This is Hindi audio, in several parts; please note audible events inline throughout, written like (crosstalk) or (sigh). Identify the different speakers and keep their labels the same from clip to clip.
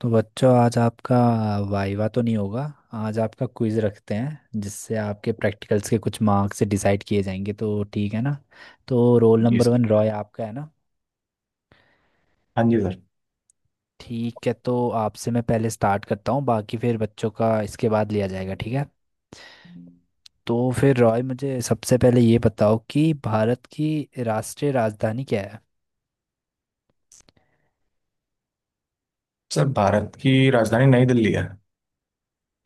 Speaker 1: तो बच्चों, आज आपका वाइवा तो नहीं होगा। आज आपका क्विज रखते हैं, जिससे आपके प्रैक्टिकल्स के कुछ मार्क्स डिसाइड किए जाएंगे, तो ठीक है ना। तो रोल
Speaker 2: जी
Speaker 1: नंबर
Speaker 2: सर।
Speaker 1: वन रॉय आपका है ना।
Speaker 2: हाँ जी सर।
Speaker 1: ठीक है, तो आपसे मैं पहले स्टार्ट करता हूँ, बाकी फिर बच्चों का इसके बाद लिया जाएगा, ठीक है। तो फिर रॉय, मुझे सबसे पहले ये बताओ कि भारत की राष्ट्रीय राजधानी क्या है।
Speaker 2: सर भारत की राजधानी नई दिल्ली है।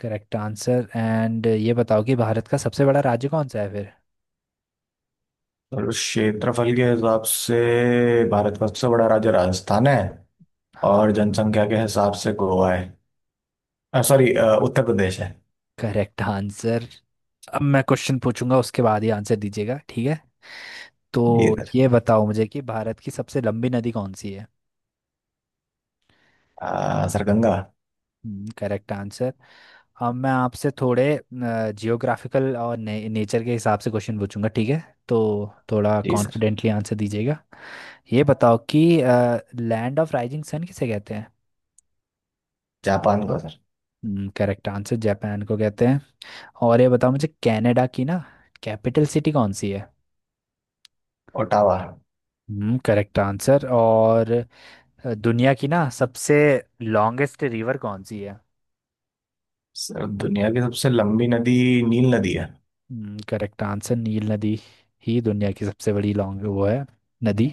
Speaker 1: करेक्ट आंसर, एंड ये बताओ कि भारत का सबसे बड़ा राज्य कौन सा है फिर।
Speaker 2: और उस क्षेत्रफल के हिसाब से भारत का सबसे बड़ा राज्य राजस्थान है। और
Speaker 1: हाँ।
Speaker 2: जनसंख्या के हिसाब से गोवा है। सॉरी, उत्तर प्रदेश है।
Speaker 1: Correct answer. अब मैं क्वेश्चन पूछूंगा, उसके बाद ही आंसर दीजिएगा, ठीक है। तो
Speaker 2: जी सर।
Speaker 1: ये बताओ मुझे कि भारत की सबसे लंबी नदी कौन सी है।
Speaker 2: सर गंगा।
Speaker 1: Correct answer. अब मैं आपसे थोड़े जियोग्राफिकल और नेचर के हिसाब से क्वेश्चन पूछूंगा, ठीक है। तो थोड़ा
Speaker 2: जी सर।
Speaker 1: कॉन्फिडेंटली आंसर दीजिएगा। ये बताओ कि लैंड ऑफ राइजिंग सन किसे कहते हैं।
Speaker 2: जापान का सर।
Speaker 1: करेक्ट आंसर, जापान को कहते हैं। और ये बताओ मुझे कनाडा की ना कैपिटल सिटी कौन सी है।
Speaker 2: ओटावा।
Speaker 1: Correct answer. और दुनिया की ना सबसे लॉन्गेस्ट रिवर कौन सी है।
Speaker 2: सर दुनिया की सबसे लंबी नदी नील नदी है।
Speaker 1: करेक्ट आंसर, नील नदी ही दुनिया की सबसे बड़ी लॉन्ग वो है नदी।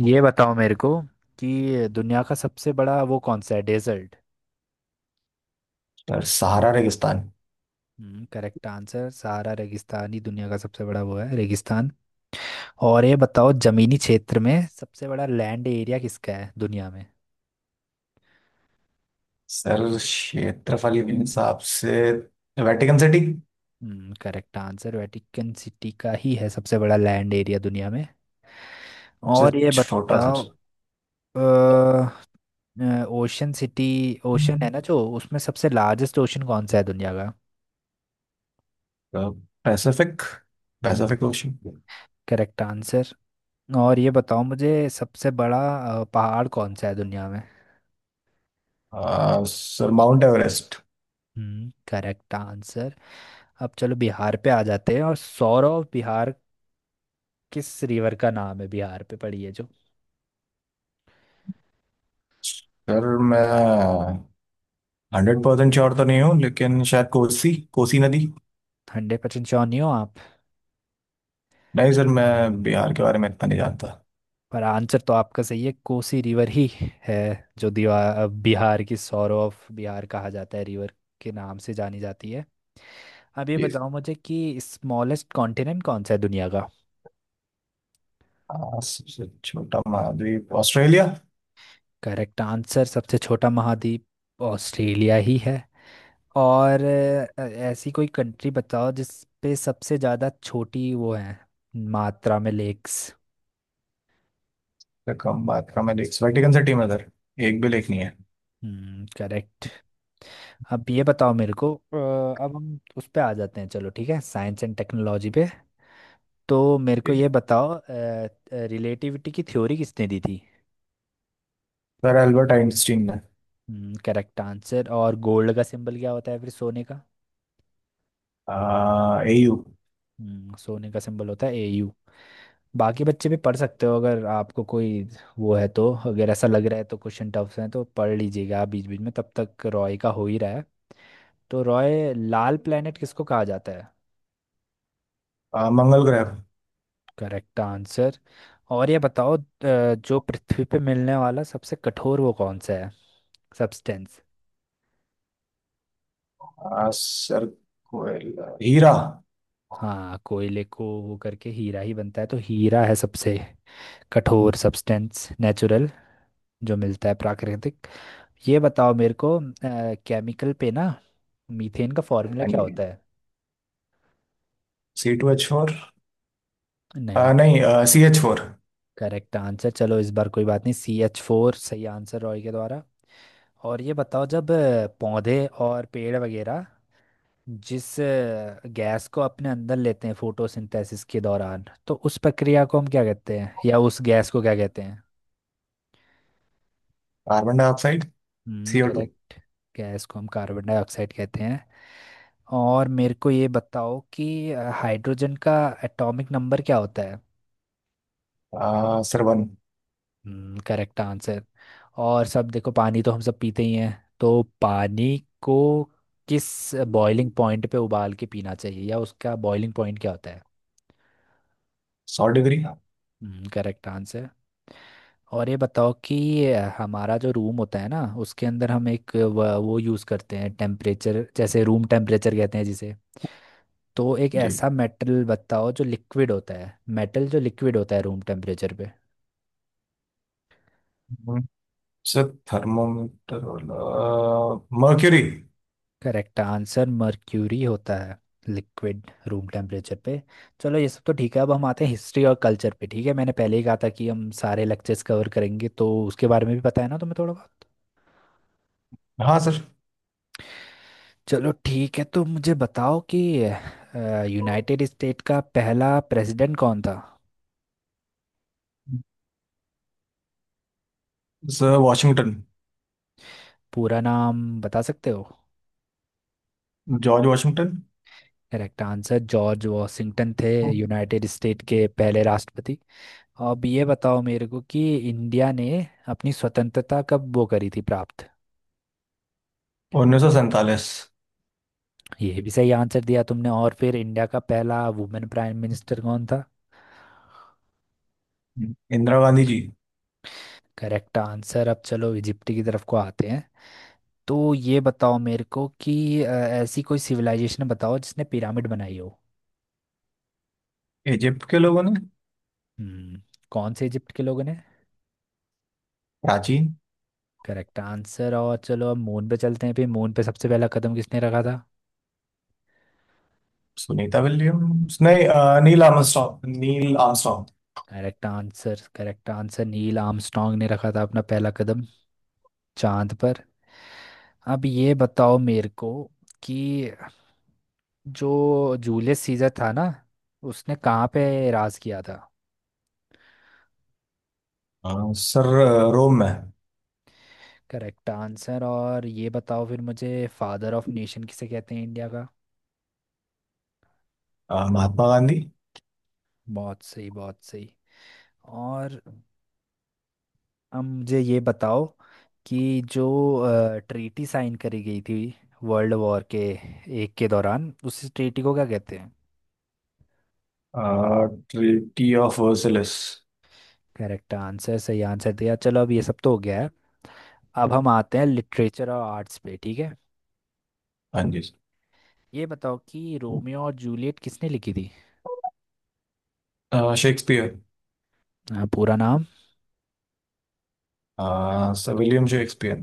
Speaker 1: ये बताओ मेरे को कि दुनिया का सबसे बड़ा वो कौन सा है, डेजर्ट।
Speaker 2: सर सहारा रेगिस्तान।
Speaker 1: करेक्ट आंसर, सहारा रेगिस्तान ही दुनिया का सबसे बड़ा वो है रेगिस्तान। और ये बताओ, जमीनी क्षेत्र में सबसे बड़ा लैंड एरिया किसका है दुनिया में।
Speaker 2: सर क्षेत्रफल के हिसाब से Vatican city.
Speaker 1: Correct answer, Vatican city का ही है सबसे बड़ा लैंड एरिया दुनिया में।
Speaker 2: सबसे
Speaker 1: और ये
Speaker 2: छोटा
Speaker 1: बताओ,
Speaker 2: सर।
Speaker 1: ओशन सिटी ओशन है ना, जो उसमें सबसे लार्जेस्ट ओशन कौन सा है दुनिया का।
Speaker 2: पैसिफिक,
Speaker 1: हम्म,
Speaker 2: पैसिफिक ओशन।
Speaker 1: Correct answer. और ये बताओ मुझे सबसे बड़ा पहाड़ कौन सा है दुनिया में।
Speaker 2: Sir Mount Everest.
Speaker 1: हम्म, करेक्ट आंसर। अब चलो बिहार पे आ जाते हैं, और सौरव बिहार किस रिवर का नाम है, बिहार पे पड़ी है जो।
Speaker 2: सर मैं 100% श्योर तो नहीं हूँ, लेकिन शायद कोसी, कोसी नदी।
Speaker 1: हंड्रेड परसेंट श्योर नहीं हो आप?
Speaker 2: नहीं सर, मैं बिहार के बारे में इतना नहीं जानता।
Speaker 1: पर आंसर तो आपका सही है, कोसी रिवर ही है जो दीवा बिहार की, सौरव ऑफ बिहार कहा जाता है रिवर के नाम से जानी जाती है। अब ये
Speaker 2: जी सर।
Speaker 1: बताओ मुझे कि स्मॉलेस्ट कॉन्टिनेंट कौन सा है दुनिया का।
Speaker 2: सबसे छोटा महाद्वीप ऑस्ट्रेलिया।
Speaker 1: करेक्ट आंसर, सबसे छोटा महाद्वीप ऑस्ट्रेलिया ही है। और ऐसी कोई कंट्री बताओ जिस पे सबसे ज़्यादा छोटी वो है मात्रा में, लेक्स।
Speaker 2: सर कम बात का मैं देख वेटिकन सिटी में सर, एक भी लेख नहीं है।
Speaker 1: हम्म, करेक्ट। अब ये बताओ मेरे को अब हम उस पे आ जाते हैं, चलो ठीक है, साइंस एंड टेक्नोलॉजी पे। तो मेरे को
Speaker 2: जी
Speaker 1: ये बताओ, रिलेटिविटी की थ्योरी किसने दी थी।
Speaker 2: सर। एल्बर्ट आइंस्टीन ने।
Speaker 1: Correct answer. और गोल्ड का सिंबल क्या होता है फिर, सोने का।
Speaker 2: Au।
Speaker 1: सोने का सिंबल होता है Au। बाकी बच्चे भी पढ़ सकते हो, अगर आपको कोई वो है तो, अगर ऐसा लग रहा है तो, क्वेश्चन टफ है तो पढ़ लीजिएगा आप बीच बीच में, तब तक रॉय का हो ही रहा है। तो रॉय, लाल प्लेनेट किसको कहा जाता है।
Speaker 2: मंगल ग्रह।
Speaker 1: Correct answer. और ये बताओ जो पृथ्वी पे मिलने वाला सबसे कठोर वो कौन सा है, सब्सटेंस।
Speaker 2: सर कोयल, हीरा। हाँ।
Speaker 1: हाँ, कोयले को वो करके हीरा ही बनता है, तो हीरा है सबसे कठोर सब्सटेंस, नेचुरल जो मिलता है, प्राकृतिक। ये बताओ मेरे को, केमिकल पे ना, मीथेन का फॉर्मूला क्या होता
Speaker 2: जी,
Speaker 1: है।
Speaker 2: C2H4।
Speaker 1: नहीं।
Speaker 2: नहीं, CH4।
Speaker 1: करेक्ट आंसर, चलो इस बार कोई बात नहीं, CH4 सही आंसर रॉय के द्वारा। और ये बताओ, जब पौधे और पेड़ वगैरह जिस गैस को अपने अंदर लेते हैं फोटोसिंथेसिस के दौरान, तो उस प्रक्रिया को हम क्या कहते हैं, या उस गैस को क्या कहते हैं।
Speaker 2: Carbon dioxide.
Speaker 1: हम्म,
Speaker 2: CO2।
Speaker 1: करेक्ट। गैस को हम कार्बन डाइऑक्साइड कहते हैं। और मेरे को ये बताओ कि हाइड्रोजन का एटॉमिक नंबर क्या होता है।
Speaker 2: सर 1।
Speaker 1: हम्म, करेक्ट आंसर। और सब देखो, पानी तो हम सब पीते ही हैं, तो पानी को किस बॉइलिंग पॉइंट पे उबाल के पीना चाहिए, या उसका बॉइलिंग पॉइंट क्या होता है।
Speaker 2: 100 डिग्री।
Speaker 1: हम्म, करेक्ट आंसर। और ये बताओ कि हमारा जो रूम होता है ना, उसके अंदर हम एक वो यूज़ करते हैं टेम्परेचर, जैसे रूम टेम्परेचर कहते हैं जिसे, तो एक
Speaker 2: जी।
Speaker 1: ऐसा मेटल बताओ जो लिक्विड होता है, मेटल जो लिक्विड होता है रूम टेम्परेचर पे।
Speaker 2: हम्म, सर थर्मोमीटर वाला मर्क्यूरी।
Speaker 1: करेक्ट आंसर, मर्क्यूरी होता है लिक्विड रूम टेम्परेचर पे। चलो ये सब तो ठीक है, अब हम आते हैं हिस्ट्री और कल्चर पे, ठीक है। मैंने पहले ही कहा था कि हम सारे लेक्चर्स कवर करेंगे, तो उसके बारे में भी पता है ना तुम्हें थोड़ा बहुत।
Speaker 2: हाँ सर।
Speaker 1: चलो ठीक है, तो मुझे बताओ कि यूनाइटेड स्टेट का पहला प्रेसिडेंट कौन था।
Speaker 2: Sir Washington.
Speaker 1: पूरा नाम बता सकते हो?
Speaker 2: George Washington.
Speaker 1: Correct answer, George Washington थे यूनाइटेड स्टेट के पहले राष्ट्रपति। अब ये बताओ मेरे को कि इंडिया ने अपनी स्वतंत्रता कब वो करी थी, प्राप्त।
Speaker 2: 1947।
Speaker 1: ये भी सही आंसर दिया तुमने। और फिर इंडिया का पहला वुमेन प्राइम मिनिस्टर कौन था।
Speaker 2: इंदिरा गांधी जी।
Speaker 1: Correct answer. अब चलो इजिप्ट की तरफ को आते हैं। तो ये बताओ मेरे को कि ऐसी कोई सिविलाइजेशन बताओ जिसने पिरामिड बनाई हो।
Speaker 2: इजिप्ट के लोगों ने।
Speaker 1: हम्म, कौन से इजिप्ट के लोगों ने।
Speaker 2: प्राचीन।
Speaker 1: Correct answer. और चलो अब मून पे चलते हैं, फिर मून पे सबसे पहला कदम किसने रखा था।
Speaker 2: सुनीता विलियम्स नहीं, नील Armstrong, Neil Armstrong.
Speaker 1: Correct answer, correct answer, Neil Armstrong ने रखा था अपना पहला कदम चांद पर। अब ये बताओ मेरे को कि जो जूलियस सीजर था ना, उसने कहाँ पे राज किया था।
Speaker 2: सर रोम में।
Speaker 1: Correct answer. और ये बताओ फिर मुझे, फादर ऑफ नेशन किसे कहते हैं इंडिया का।
Speaker 2: महात्मा गांधी।
Speaker 1: बहुत सही, बहुत सही। और अब मुझे ये बताओ कि जो ट्रीटी साइन करी गई थी वर्ल्ड वॉर के एक के दौरान, उस ट्रीटी को क्या कहते हैं।
Speaker 2: Treaty of Versailles.
Speaker 1: Correct answer, सही आंसर दिया। चलो, अब ये सब तो हो गया है, अब हम आते हैं लिटरेचर और आर्ट्स पे, ठीक है।
Speaker 2: हाँ जी।
Speaker 1: ये बताओ कि रोमियो और जूलियट किसने लिखी थी।
Speaker 2: शेक्सपियर।
Speaker 1: पूरा नाम?
Speaker 2: Sir William Shakespeare.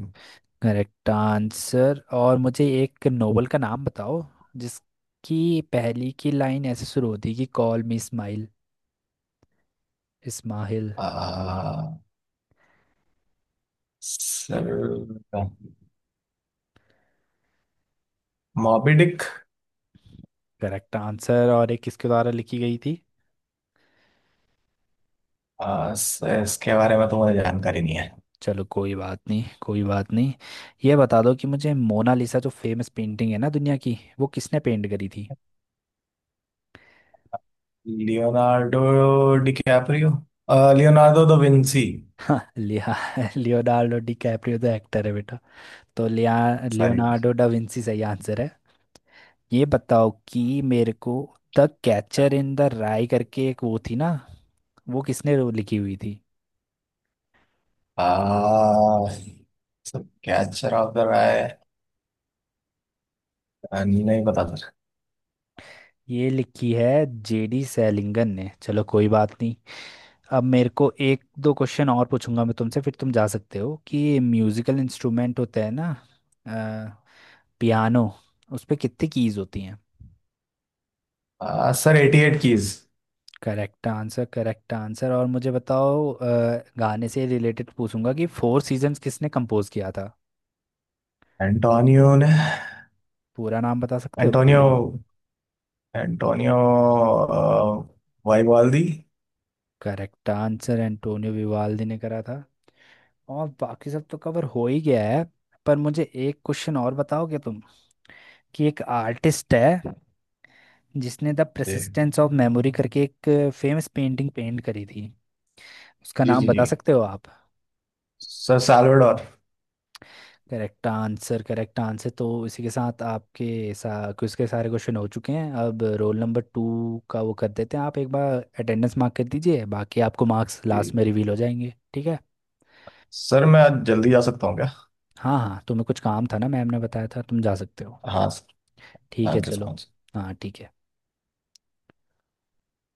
Speaker 1: Correct answer. और मुझे एक नोवेल का नाम बताओ जिसकी पहली की लाइन ऐसे शुरू होती है कि call me smile Ishmael.
Speaker 2: Sir Moby Dick.
Speaker 1: Correct answer. और एक किसके द्वारा लिखी गई थी?
Speaker 2: इसके बारे में तो मुझे जानकारी नहीं है।
Speaker 1: चलो कोई बात नहीं, कोई बात नहीं। ये बता दो कि मुझे मोनालिसा जो फेमस पेंटिंग है ना दुनिया की, वो किसने पेंट करी थी।
Speaker 2: Leonardo, DiCaprio, Leonardo da Vinci.
Speaker 1: (laughs) लिया लियोनार्डो डी कैप्रियो तो एक्टर है बेटा। तो लिया
Speaker 2: सॉरी।
Speaker 1: लियोनार्डो डा विंची सही आंसर है। ये बताओ कि मेरे को, the catcher in the rye करके एक वो थी ना, वो किसने लिखी हुई थी।
Speaker 2: सर कैचर ऑफ द राय। नहीं पता सर।
Speaker 1: ये लिखी है JD सैलिंगन ने, चलो कोई बात नहीं। अब मेरे को एक दो क्वेश्चन और पूछूंगा मैं तुमसे, फिर तुम जा सकते हो, कि म्यूजिकल इंस्ट्रूमेंट होता है ना पियानो, उस पे कितनी कीज होती हैं।
Speaker 2: Sir 88 keys.
Speaker 1: Correct answer, correct answer. और मुझे बताओ गाने से रिलेटेड पूछूंगा कि फोर सीजन्स किसने कंपोज किया था।
Speaker 2: एंटोनियो ने।
Speaker 1: पूरा नाम बता सकते
Speaker 2: एंटोनियो,
Speaker 1: हो?
Speaker 2: Antonio Vivaldi.
Speaker 1: Correct answer, Antonio Vivaldi ने करा था। और बाकी सब तो कवर हो ही गया है, पर मुझे एक क्वेश्चन और बताओगे तुम, कि एक आर्टिस्ट है जिसने द
Speaker 2: जी
Speaker 1: परसिस्टेंस ऑफ मेमोरी करके एक फेमस पेंटिंग पेंट करी थी, उसका
Speaker 2: जी
Speaker 1: नाम
Speaker 2: जी। जी
Speaker 1: बता सकते हो आप।
Speaker 2: Sir Salvador.
Speaker 1: Correct answer, correct answer. तो इसी के साथ आपके क्विज के सारे क्वेश्चन हो चुके हैं। अब रोल नंबर 2 का वो कर देते हैं, आप एक बार अटेंडेंस मार्क कर दीजिए, बाकी आपको मार्क्स लास्ट में
Speaker 2: जी
Speaker 1: रिवील हो जाएंगे, ठीक है।
Speaker 2: सर, मैं आज जल्दी जा सकता हूँ क्या।
Speaker 1: हाँ हाँ, तुम्हें कुछ काम था ना, मैम ने बताया था, तुम जा सकते हो।
Speaker 2: हाँ सर।
Speaker 1: ठीक है,
Speaker 2: थैंक यू सो
Speaker 1: चलो।
Speaker 2: मच।
Speaker 1: हाँ, ठीक है।